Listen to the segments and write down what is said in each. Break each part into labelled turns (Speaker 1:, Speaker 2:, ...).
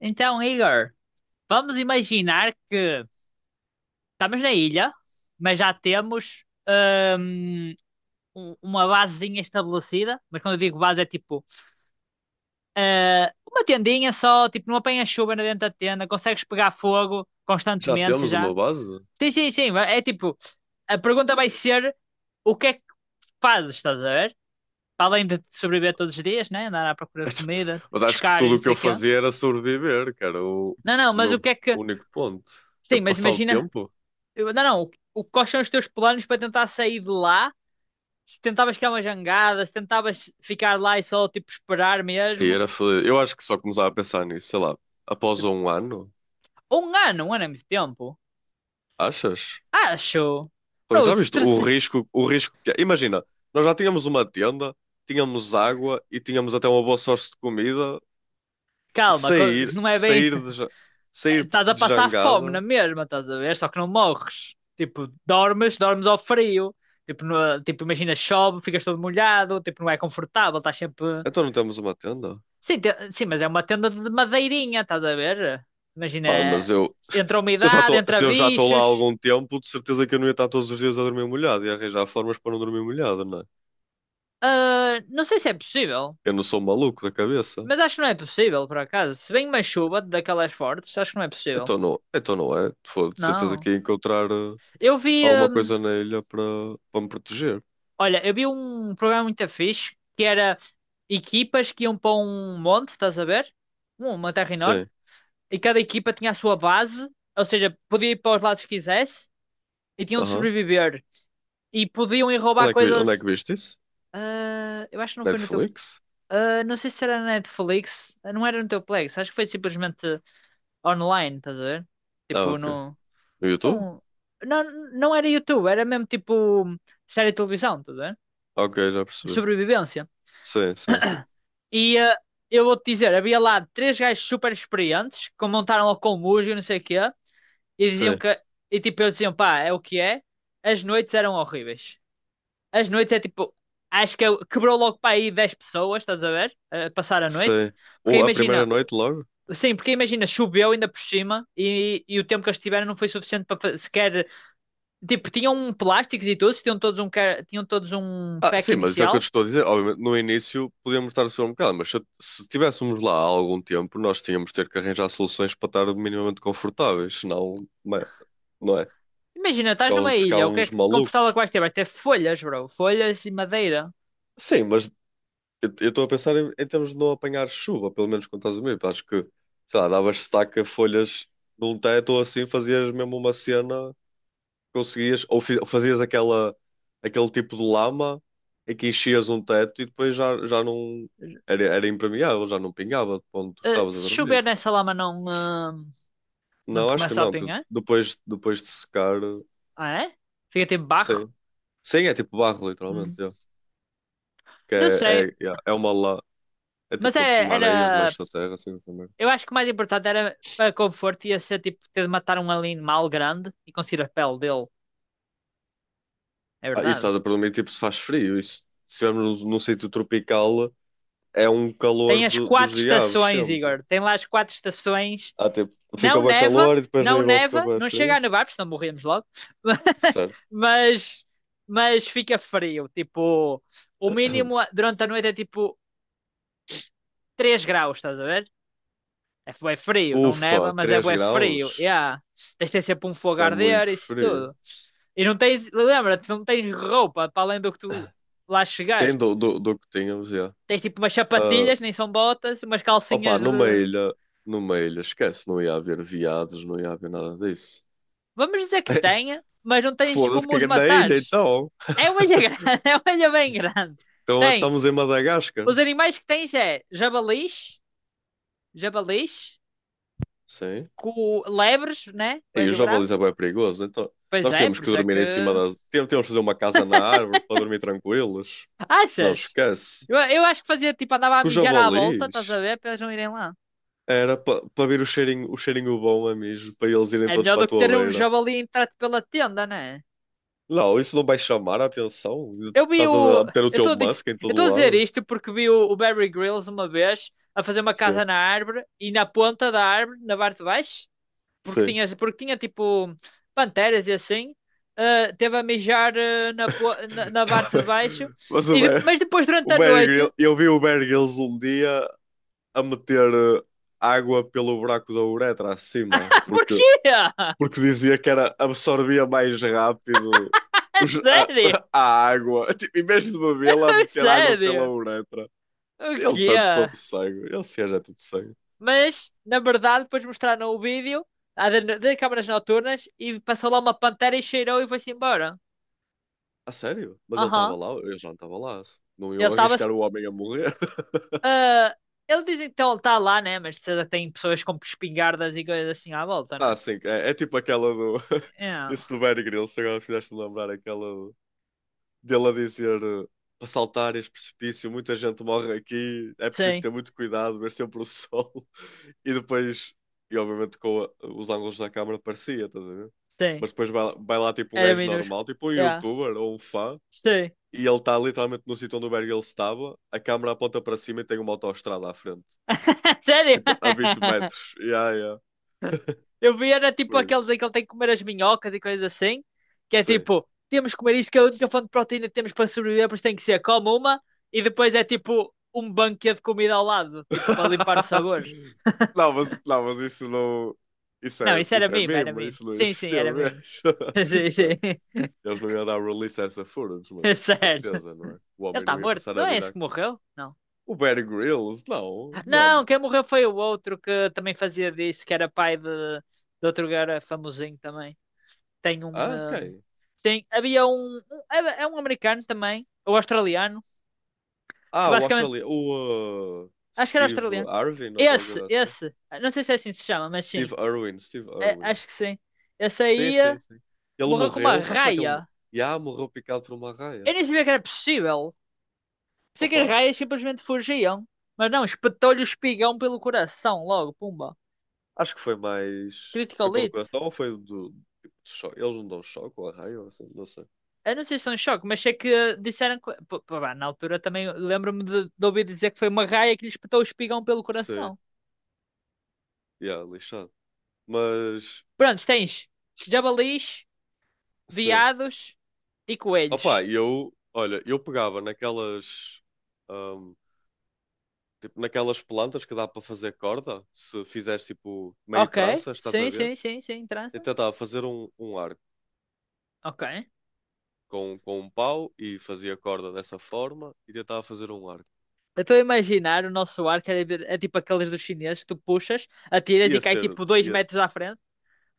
Speaker 1: Então, Igor, vamos imaginar que estamos na ilha, mas já temos hum, uma basezinha estabelecida. Mas quando eu digo base, é tipo uma tendinha só, tipo, não apanha chuva na dentro da tenda, consegues pegar fogo
Speaker 2: Já
Speaker 1: constantemente
Speaker 2: temos uma
Speaker 1: já.
Speaker 2: base?
Speaker 1: Sim, sim, sim. É tipo, a pergunta vai ser o que é que fazes, estás a ver? Para além de sobreviver todos os dias, né? Andar à procura de comida,
Speaker 2: Mas acho que
Speaker 1: pescar e
Speaker 2: tudo
Speaker 1: não
Speaker 2: o que
Speaker 1: sei
Speaker 2: eu
Speaker 1: o quê.
Speaker 2: fazia era sobreviver, que era o,
Speaker 1: Não, não,
Speaker 2: o
Speaker 1: mas o
Speaker 2: meu
Speaker 1: que é que.
Speaker 2: único ponto. Que é
Speaker 1: Sim, mas
Speaker 2: passar o
Speaker 1: imagina.
Speaker 2: tempo
Speaker 1: Não, não. O, quais são os teus planos para tentar sair de lá? Se tentavas criar uma jangada, se tentavas ficar lá e só tipo esperar
Speaker 2: aí
Speaker 1: mesmo.
Speaker 2: era feliz. Eu acho que só começava a pensar nisso, sei lá, após
Speaker 1: De-
Speaker 2: um ano,
Speaker 1: Um ano é muito tempo.
Speaker 2: achas?
Speaker 1: Acho.
Speaker 2: Então,
Speaker 1: Bro,
Speaker 2: já
Speaker 1: de
Speaker 2: viste
Speaker 1: treze-
Speaker 2: o risco que é? Imagina, nós já tínhamos uma tenda, tínhamos água e tínhamos até uma boa sorte de comida.
Speaker 1: Calma,
Speaker 2: Sair,
Speaker 1: não é bem.
Speaker 2: sair de, ja-
Speaker 1: É,
Speaker 2: sair
Speaker 1: estás a
Speaker 2: de
Speaker 1: passar fome
Speaker 2: jangada,
Speaker 1: na mesma, estás a ver? Só que não morres. Tipo, dormes ao frio. Tipo, tipo, imagina, chove, ficas todo molhado. Tipo, não é confortável, estás sempre.
Speaker 2: então não temos uma tenda.
Speaker 1: Sim, mas é uma tenda de madeirinha, estás a ver?
Speaker 2: Pá, mas
Speaker 1: Imagina,
Speaker 2: eu,
Speaker 1: entre a
Speaker 2: Se eu já
Speaker 1: umidade,
Speaker 2: estou,
Speaker 1: entre
Speaker 2: se eu já estou lá há
Speaker 1: bichos.
Speaker 2: algum tempo, de certeza que eu não ia estar todos os dias a dormir molhado e arranjar formas para não dormir molhado, não é?
Speaker 1: Ah, não sei se é possível,
Speaker 2: Eu não sou um maluco da cabeça.
Speaker 1: mas acho que não é possível, por acaso. Se vem uma chuva daquelas fortes, acho que não é possível.
Speaker 2: Então não é. Foi de certeza
Speaker 1: Não.
Speaker 2: que ia encontrar
Speaker 1: Eu vi,
Speaker 2: alguma
Speaker 1: hum,
Speaker 2: coisa na ilha para, me proteger.
Speaker 1: olha, eu vi um programa muito fixe que era equipas que iam para um monte, estás a ver? Uma terra enorme.
Speaker 2: Sim.
Speaker 1: E cada equipa tinha a sua base, ou seja, podia ir para os lados que quisesse e tinham de
Speaker 2: Aham.
Speaker 1: sobreviver. E podiam ir roubar
Speaker 2: Onde é que
Speaker 1: coisas.
Speaker 2: viste isso?
Speaker 1: Ah, eu acho que não foi no teu.
Speaker 2: Netflix?
Speaker 1: Não sei se era na Netflix. Não era no teu Plex. Acho que foi simplesmente online, estás a ver?
Speaker 2: Ah,
Speaker 1: Tipo,
Speaker 2: ok.
Speaker 1: no.
Speaker 2: No YouTube?
Speaker 1: Não, não, não era YouTube, era mesmo tipo série de televisão, estás a ver?
Speaker 2: Ok, já
Speaker 1: De
Speaker 2: percebi.
Speaker 1: sobrevivência.
Speaker 2: Sim, sim.
Speaker 1: E eu vou-te dizer, havia lá três gajos super experientes que montaram lá com música e não sei o quê. E diziam
Speaker 2: Sim,
Speaker 1: que. E tipo, eles diziam, pá, é o que é. As noites eram horríveis. As noites é tipo. Acho que quebrou logo para aí 10 pessoas, estás a ver? A passar a noite.
Speaker 2: sim.
Speaker 1: Porque
Speaker 2: Ou a primeira
Speaker 1: imagina.
Speaker 2: noite logo?
Speaker 1: Sim, porque imagina, choveu ainda por cima e o tempo que eles tiveram não foi suficiente para sequer. Tipo, tinham um plástico e todos, tinham todos um
Speaker 2: Ah,
Speaker 1: pack
Speaker 2: sim, mas isso é o que eu te
Speaker 1: inicial.
Speaker 2: estou a dizer. Obviamente, no início podíamos estar a sofrer um bocado, mas se tivéssemos lá há algum tempo, nós tínhamos de ter que arranjar soluções para estar minimamente confortáveis, senão, não é?
Speaker 1: Imagina, estás numa
Speaker 2: Ficávamos
Speaker 1: ilha, o que é
Speaker 2: ficávamos
Speaker 1: que confortável
Speaker 2: malucos.
Speaker 1: que vais ter? Vai ter folhas, bro. Folhas e madeira.
Speaker 2: Sim, mas eu estou a pensar em termos de não apanhar chuva, pelo menos quando estás a dormir. Acho que, sei lá, davas estaca, folhas num teto ou assim, fazias mesmo uma cena conseguias, ou fazias aquele tipo de lama em que enchias um teto e depois já não era, era impermeável, já não pingava de onde tu estavas a
Speaker 1: Se
Speaker 2: dormir.
Speaker 1: chover nessa lama não, não
Speaker 2: Não,
Speaker 1: te
Speaker 2: acho que
Speaker 1: começa a
Speaker 2: não, que
Speaker 1: apanhar?
Speaker 2: depois de secar,
Speaker 1: Ah, é? Fica tipo barro?
Speaker 2: sim. Sim, é tipo barro, literalmente,
Speaker 1: Hum.
Speaker 2: yeah. Que
Speaker 1: Não
Speaker 2: é,
Speaker 1: sei.
Speaker 2: é, yeah, é uma lá, é
Speaker 1: Mas
Speaker 2: tipo uma areia
Speaker 1: era.
Speaker 2: debaixo da terra, assim também.
Speaker 1: Eu acho que o mais importante era para conforto ia ser tipo ter de matar um animal grande e conseguir a pele dele. É
Speaker 2: Ah, isso
Speaker 1: verdade.
Speaker 2: estás a perguntar, tipo, se faz frio, isso, se estivermos num sítio tropical, é um calor
Speaker 1: Tem as
Speaker 2: dos
Speaker 1: quatro
Speaker 2: diabos,
Speaker 1: estações,
Speaker 2: sempre.
Speaker 1: Igor. Tem lá as quatro estações.
Speaker 2: Ah, tipo, fica
Speaker 1: Não
Speaker 2: bem
Speaker 1: neva,
Speaker 2: calor e depois no
Speaker 1: não
Speaker 2: verão fica
Speaker 1: neva,
Speaker 2: bem
Speaker 1: não chega
Speaker 2: frio.
Speaker 1: a nevar, porque senão morremos logo.
Speaker 2: Certo.
Speaker 1: Mas, mas fica frio. Tipo, o mínimo durante a noite é tipo 3 graus, estás a ver? É bué frio, não neva,
Speaker 2: Ufa,
Speaker 1: mas é
Speaker 2: 3
Speaker 1: bué frio.
Speaker 2: graus?
Speaker 1: Yeah. Tens de ter sempre um fogo
Speaker 2: Isso
Speaker 1: a
Speaker 2: é
Speaker 1: arder,
Speaker 2: muito
Speaker 1: isso
Speaker 2: frio.
Speaker 1: tudo. E não tens, lembra-te, não tens roupa para além do que tu lá
Speaker 2: Sim,
Speaker 1: chegaste.
Speaker 2: do que tínhamos, já.
Speaker 1: Tens tipo umas
Speaker 2: Ah,
Speaker 1: sapatilhas, nem são botas, umas
Speaker 2: opa,
Speaker 1: calcinhas de.
Speaker 2: numa ilha, esquece, não ia haver viados, não ia haver nada disso.
Speaker 1: Vamos dizer que tenha, mas não tens
Speaker 2: Foda-se
Speaker 1: como
Speaker 2: que
Speaker 1: os
Speaker 2: é na ilha,
Speaker 1: matares.
Speaker 2: então.
Speaker 1: É uma ilha grande, é uma ilha bem grande.
Speaker 2: Então é,
Speaker 1: Tem.
Speaker 2: estamos em Madagascar.
Speaker 1: Os animais que tens é jabalis, jabalis,
Speaker 2: Sim.
Speaker 1: com lebres, né?
Speaker 2: E os
Speaker 1: Coelho bravo.
Speaker 2: javalis é bem perigoso, então.
Speaker 1: Pois
Speaker 2: Nós
Speaker 1: é,
Speaker 2: temos
Speaker 1: por
Speaker 2: que
Speaker 1: isso é
Speaker 2: dormir
Speaker 1: que.
Speaker 2: em cima das. Temos que fazer uma casa na árvore para dormir tranquilos. Não
Speaker 1: Achas?
Speaker 2: esquece.
Speaker 1: Eu acho que fazia tipo, andava a
Speaker 2: Que os
Speaker 1: mijar à volta,
Speaker 2: javalis
Speaker 1: estás a ver? Para eles não irem lá.
Speaker 2: era para pa pa vir o cheirinho bom a mijo, para eles irem
Speaker 1: É
Speaker 2: todos
Speaker 1: melhor
Speaker 2: para a
Speaker 1: do que
Speaker 2: tua
Speaker 1: ter um
Speaker 2: beira.
Speaker 1: javali entrado pela tenda, não é?
Speaker 2: Não, isso não vai chamar a atenção.
Speaker 1: Eu vi
Speaker 2: Estás
Speaker 1: o.
Speaker 2: a ter o
Speaker 1: Eu
Speaker 2: teu
Speaker 1: estou a dizer,
Speaker 2: Musk em
Speaker 1: eu
Speaker 2: todo
Speaker 1: estou a dizer
Speaker 2: lado.
Speaker 1: isto porque vi o Barry Grylls uma vez a fazer uma casa
Speaker 2: Sim,
Speaker 1: na árvore e na ponta da árvore, na parte de baixo,
Speaker 2: sim.
Speaker 1: porque tinha tipo panteras e assim, teve a mijar na, po- na, na
Speaker 2: Tá
Speaker 1: parte de
Speaker 2: bem.
Speaker 1: baixo,
Speaker 2: Mas o
Speaker 1: e
Speaker 2: Bear,
Speaker 1: mas depois durante
Speaker 2: o
Speaker 1: a
Speaker 2: Bear
Speaker 1: noite.
Speaker 2: Grylls, eu vi o Bear Grylls um dia a meter água pelo buraco da uretra
Speaker 1: Ah,
Speaker 2: acima, porque,
Speaker 1: porquê?
Speaker 2: porque dizia que era, absorvia mais rápido
Speaker 1: É
Speaker 2: a,
Speaker 1: sério?
Speaker 2: a água. Tipo, em vez de bebê-la,
Speaker 1: É
Speaker 2: meter água pela
Speaker 1: sério?
Speaker 2: uretra.
Speaker 1: O
Speaker 2: Ele
Speaker 1: quê?
Speaker 2: está todo cego. Ele se é tudo cego.
Speaker 1: Mas, na verdade, depois mostraram o vídeo de câmaras noturnas e passou lá uma pantera e cheirou e foi-se embora.
Speaker 2: A sério? Mas ele estava
Speaker 1: Aham.
Speaker 2: lá? Eu já não estava lá. Não
Speaker 1: Ele
Speaker 2: iam
Speaker 1: estava
Speaker 2: arriscar o homem a morrer.
Speaker 1: ah, ele diz então ele está lá, né? Mas de certeza tem pessoas com espingardas e coisas assim à volta, né?
Speaker 2: Ah, sim. É tipo aquela do.
Speaker 1: Yeah.
Speaker 2: Isso do Bear Grylls, agora fizeste-me lembrar aquela dele a dizer para saltar este precipício, muita gente morre aqui, é preciso
Speaker 1: Sim,
Speaker 2: ter muito cuidado, ver sempre o sol. E depois, e obviamente com os ângulos da câmara parecia, estás a ver?
Speaker 1: sim.
Speaker 2: Mas depois vai lá tipo um
Speaker 1: Era
Speaker 2: gajo
Speaker 1: minúsculo.
Speaker 2: normal, tipo um
Speaker 1: Yeah.
Speaker 2: youtuber ou um fã,
Speaker 1: Sim.
Speaker 2: e ele está literalmente no sítio onde o Bear Grylls estava, a câmara aponta para cima e tem uma autoestrada à frente.
Speaker 1: Sério?
Speaker 2: Tipo, a 20 metros. Yeah, yeah.
Speaker 1: Eu vi, era tipo
Speaker 2: Por aí.
Speaker 1: aqueles em que ele tem que comer as minhocas e coisas assim, que é
Speaker 2: Sim.
Speaker 1: tipo, temos que comer isto, que é a única fonte de proteína que temos para sobreviver, por isso tem que ser, come uma, e depois é tipo um banquete de comida ao lado, tipo, para limpar os sabores.
Speaker 2: Não, mas isso não.
Speaker 1: Não, isso era
Speaker 2: Isso é
Speaker 1: meme, era
Speaker 2: mimo,
Speaker 1: meme.
Speaker 2: isso não
Speaker 1: Sim, sim, era
Speaker 2: existiu mesmo.
Speaker 1: meme. Sim, sim.
Speaker 2: Sério. Eles não iam dar release a essa Furious, mas
Speaker 1: É
Speaker 2: de
Speaker 1: sério. Ele
Speaker 2: certeza, não é? O homem
Speaker 1: está
Speaker 2: não ia
Speaker 1: morto.
Speaker 2: passar
Speaker 1: Não
Speaker 2: a
Speaker 1: é
Speaker 2: vida
Speaker 1: esse que
Speaker 2: aqui.
Speaker 1: morreu? Não.
Speaker 2: O Bear Grylls, não,
Speaker 1: Não,
Speaker 2: mano.
Speaker 1: quem morreu foi o outro que também fazia disso, que era pai de outro cara famosinho também. Tem um.
Speaker 2: Ah, quem?
Speaker 1: Sim, havia um, é é um americano também, ou australiano, que
Speaker 2: Ah, o
Speaker 1: basicamente.
Speaker 2: Australia. O
Speaker 1: Acho que era
Speaker 2: Steve
Speaker 1: australiano.
Speaker 2: Irwin ou qualquer
Speaker 1: Esse,
Speaker 2: coisa assim.
Speaker 1: esse. Não sei se é assim que se chama, mas
Speaker 2: Steve
Speaker 1: sim.
Speaker 2: Irwin, Steve
Speaker 1: É,
Speaker 2: Irwin.
Speaker 1: acho que sim. Esse
Speaker 2: Sim,
Speaker 1: aí
Speaker 2: sim, sim. Ele
Speaker 1: morreu com uma
Speaker 2: morreu, sabes como é que ele morreu?
Speaker 1: raia.
Speaker 2: Já morreu picado por uma raia.
Speaker 1: Eu nem sabia que era possível. Pensei que as
Speaker 2: Opa,
Speaker 1: raias simplesmente fugiam. Mas não, espetou-lhe o espigão pelo coração, logo, pumba.
Speaker 2: acho que foi mais. Foi
Speaker 1: Critical
Speaker 2: pelo
Speaker 1: hit.
Speaker 2: coração ou foi do. Tipo, de choque? Eles não dão choque ou arraio ou assim, não sei.
Speaker 1: Eu não sei se é um choque, mas sei que disseram que. Pô, pô, pá, na altura também lembro-me de ouvir dizer que foi uma raia que lhe espetou o espigão pelo
Speaker 2: Sei.
Speaker 1: coração.
Speaker 2: Yeah, lixado. Mas,
Speaker 1: Prontos, tens jabalis,
Speaker 2: sim.
Speaker 1: veados e
Speaker 2: Opa,
Speaker 1: coelhos.
Speaker 2: e eu, olha, eu pegava naquelas, ahm, tipo, naquelas plantas que dá para fazer corda, se fizeres tipo meio
Speaker 1: Ok,
Speaker 2: tranças, estás a
Speaker 1: sim,
Speaker 2: ver?
Speaker 1: sim, sim, sim,
Speaker 2: Eu
Speaker 1: trança.
Speaker 2: tentava fazer um arco
Speaker 1: Ok.
Speaker 2: com um pau e fazia corda dessa forma e tentava fazer um arco.
Speaker 1: Eu estou a imaginar o nosso arco é tipo aqueles dos chineses que tu puxas, atiras e
Speaker 2: Ia
Speaker 1: cai
Speaker 2: ser,
Speaker 1: tipo dois
Speaker 2: ia,
Speaker 1: metros à frente.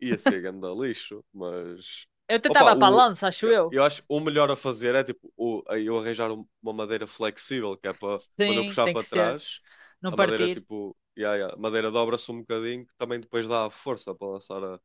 Speaker 2: ia ser ganda lixo, mas
Speaker 1: Eu
Speaker 2: opa,
Speaker 1: tentava para a
Speaker 2: o,
Speaker 1: lança, acho
Speaker 2: eu,
Speaker 1: eu.
Speaker 2: eu acho que o melhor a fazer é tipo eu arranjar uma madeira flexível, que é para quando eu
Speaker 1: Sim,
Speaker 2: puxar
Speaker 1: tem que
Speaker 2: para
Speaker 1: ser.
Speaker 2: trás,
Speaker 1: Não
Speaker 2: a madeira
Speaker 1: partir,
Speaker 2: tipo, yeah, yeah, a madeira dobra-se um bocadinho, que também depois dá a força para lançar a,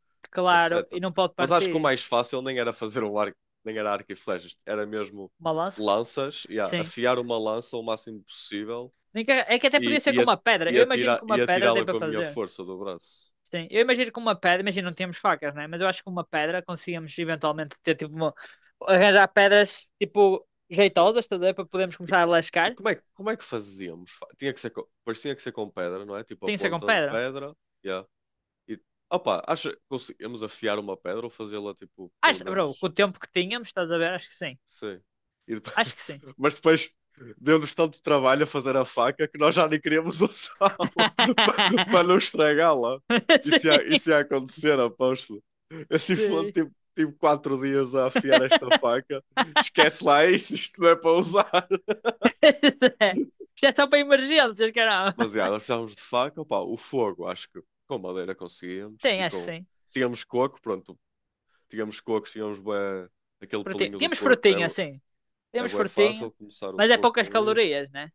Speaker 2: a
Speaker 1: claro, e
Speaker 2: seta.
Speaker 1: não pode
Speaker 2: Mas acho que o
Speaker 1: partir.
Speaker 2: mais fácil nem era fazer um arco, nem era arco e flechas, era mesmo
Speaker 1: Uma lança?
Speaker 2: lanças, yeah,
Speaker 1: Sim.
Speaker 2: afiar uma lança o máximo possível
Speaker 1: Nem que- É que até podia
Speaker 2: e,
Speaker 1: ser
Speaker 2: e,
Speaker 1: com
Speaker 2: a-
Speaker 1: uma pedra.
Speaker 2: e,
Speaker 1: Eu imagino que
Speaker 2: atirar,
Speaker 1: uma
Speaker 2: e
Speaker 1: pedra dê
Speaker 2: atirá-la
Speaker 1: para
Speaker 2: com a minha
Speaker 1: fazer.
Speaker 2: força do braço.
Speaker 1: Sim, eu imagino que uma pedra, imagino não temos facas, né? Mas eu acho que uma pedra conseguimos eventualmente ter tipo uma, arranjar pedras tipo
Speaker 2: Sim.
Speaker 1: jeitosas, estás a ver? Para podermos
Speaker 2: E,
Speaker 1: começar a
Speaker 2: e
Speaker 1: lascar.
Speaker 2: como é que fazíamos? Tinha que ser com, pois tinha que ser com pedra, não é? Tipo a
Speaker 1: Tem que ser com
Speaker 2: ponta de
Speaker 1: pedra.
Speaker 2: pedra. Yeah. E, opa, acha que conseguimos afiar uma pedra ou fazê-la, tipo, pelo
Speaker 1: Acho, bro, com o
Speaker 2: menos.
Speaker 1: tempo que tínhamos, estás a ver? Acho que sim.
Speaker 2: Sim. E depois-
Speaker 1: Acho que sim.
Speaker 2: Mas depois deu-nos tanto trabalho a fazer a faca que nós já nem queríamos usá-la para não estragá-la. Isso ia,
Speaker 1: Sim,
Speaker 2: isso ia acontecer, aposto. Assim foi
Speaker 1: sim.
Speaker 2: tipo 4 dias a afiar esta faca. Esquece lá isso, isto não é para usar.
Speaker 1: Isto é só para emergências, caramba.
Speaker 2: Mas já, nós precisávamos de faca, opá, o fogo, acho que com madeira conseguíamos
Speaker 1: Tem,
Speaker 2: e
Speaker 1: acho que
Speaker 2: com.
Speaker 1: sim.
Speaker 2: Tínhamos coco, pronto, tínhamos coco, tínhamos bué, aquele
Speaker 1: Frutinha.
Speaker 2: pelinho do
Speaker 1: Temos
Speaker 2: coco,
Speaker 1: frutinha,
Speaker 2: é,
Speaker 1: sim.
Speaker 2: é
Speaker 1: Temos
Speaker 2: bué fácil
Speaker 1: frutinha,
Speaker 2: começar o
Speaker 1: mas é
Speaker 2: fogo
Speaker 1: poucas
Speaker 2: com isso.
Speaker 1: calorias, né?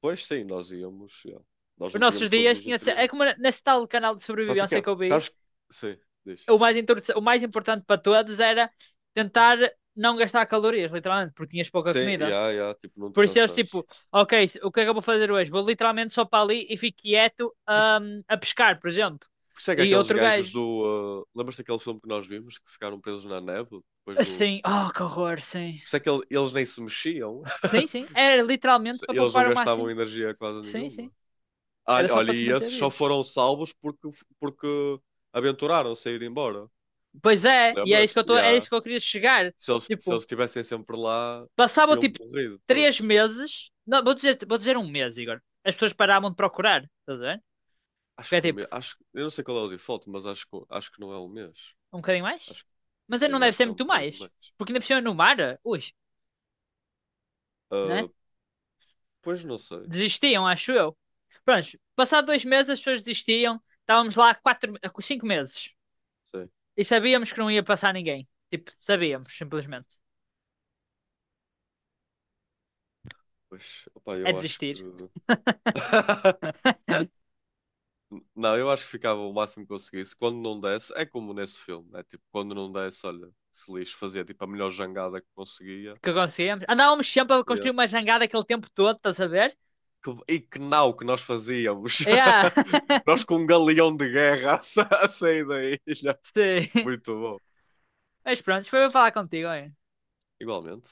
Speaker 2: Pois sim, nós íamos, já. Nós
Speaker 1: Os
Speaker 2: não
Speaker 1: nossos
Speaker 2: tínhamos todos
Speaker 1: dias
Speaker 2: os
Speaker 1: tinha de ser. É como
Speaker 2: nutrientes.
Speaker 1: nesse tal canal de
Speaker 2: Não sei o que
Speaker 1: sobrevivência que
Speaker 2: é,
Speaker 1: eu vi,
Speaker 2: sabes? Sim, diz.
Speaker 1: o mais importante para todos era tentar não gastar calorias, literalmente, porque tinhas pouca
Speaker 2: Sim,
Speaker 1: comida.
Speaker 2: já, tipo, não te
Speaker 1: Por isso eles
Speaker 2: cansares.
Speaker 1: tipo, ok, o que é que eu vou fazer hoje? Vou literalmente só para ali e fico quieto,
Speaker 2: Por, isso-
Speaker 1: a pescar, por exemplo.
Speaker 2: por isso é que
Speaker 1: E
Speaker 2: aqueles
Speaker 1: outro
Speaker 2: gajos
Speaker 1: gajo.
Speaker 2: do. Ah, lembras daquele filme que nós vimos que ficaram presos na neve depois do.
Speaker 1: Assim, oh, que horror, sim.
Speaker 2: Por isso é que eles nem se mexiam.
Speaker 1: Sim, sim. Era literalmente para
Speaker 2: Eles não
Speaker 1: poupar o
Speaker 2: gastavam
Speaker 1: máximo.
Speaker 2: energia quase
Speaker 1: Sim, sim.
Speaker 2: nenhuma. Ah,
Speaker 1: Era só
Speaker 2: olha,
Speaker 1: para se
Speaker 2: e
Speaker 1: manter
Speaker 2: esses só
Speaker 1: vivos.
Speaker 2: foram salvos porque, aventuraram-se a ir embora.
Speaker 1: Pois é, e
Speaker 2: Lembras-te?
Speaker 1: é
Speaker 2: Yeah.
Speaker 1: isso que eu queria chegar.
Speaker 2: Se eles, se
Speaker 1: Tipo,
Speaker 2: eles estivessem sempre lá,
Speaker 1: passavam
Speaker 2: tinham
Speaker 1: tipo
Speaker 2: morrido
Speaker 1: três
Speaker 2: todos.
Speaker 1: meses. Não, vou dizer um mês, Igor. As pessoas paravam de procurar, estás a ver? Porque
Speaker 2: Acho
Speaker 1: é
Speaker 2: que o
Speaker 1: tipo,
Speaker 2: mês. Acho, eu não sei qual é o default, mas acho que não é um mês.
Speaker 1: um bocadinho mais.
Speaker 2: Acho,
Speaker 1: Mas aí não
Speaker 2: sim,
Speaker 1: deve
Speaker 2: acho
Speaker 1: ser
Speaker 2: que é um
Speaker 1: muito
Speaker 2: bocadinho
Speaker 1: mais.
Speaker 2: mais.
Speaker 1: Porque ainda por cima no mar, ui,
Speaker 2: Ah,
Speaker 1: né?
Speaker 2: pois não sei.
Speaker 1: Desistiam, acho eu. Pronto, passado 2 meses as pessoas desistiam. Estávamos lá há 4, há 5 meses.
Speaker 2: Sim.
Speaker 1: E sabíamos que não ia passar ninguém. Tipo, sabíamos, simplesmente.
Speaker 2: Pois, opá,
Speaker 1: É
Speaker 2: eu acho que.
Speaker 1: desistir.
Speaker 2: Não, eu acho que ficava o máximo que conseguisse. Quando não desse, é como nesse filme, né? Tipo, quando não desse, olha, se lixo, fazia tipo a melhor jangada que conseguia.
Speaker 1: Que conseguíamos. Andávamos sempre a
Speaker 2: Yeah.
Speaker 1: construir uma jangada aquele tempo todo, estás a ver?
Speaker 2: E que não que nós fazíamos!
Speaker 1: Yeah.
Speaker 2: Nós com um galeão de guerra a sair da ilha.
Speaker 1: Sim.
Speaker 2: Muito bom.
Speaker 1: Mas pronto, foi para falar contigo, hein?
Speaker 2: Igualmente.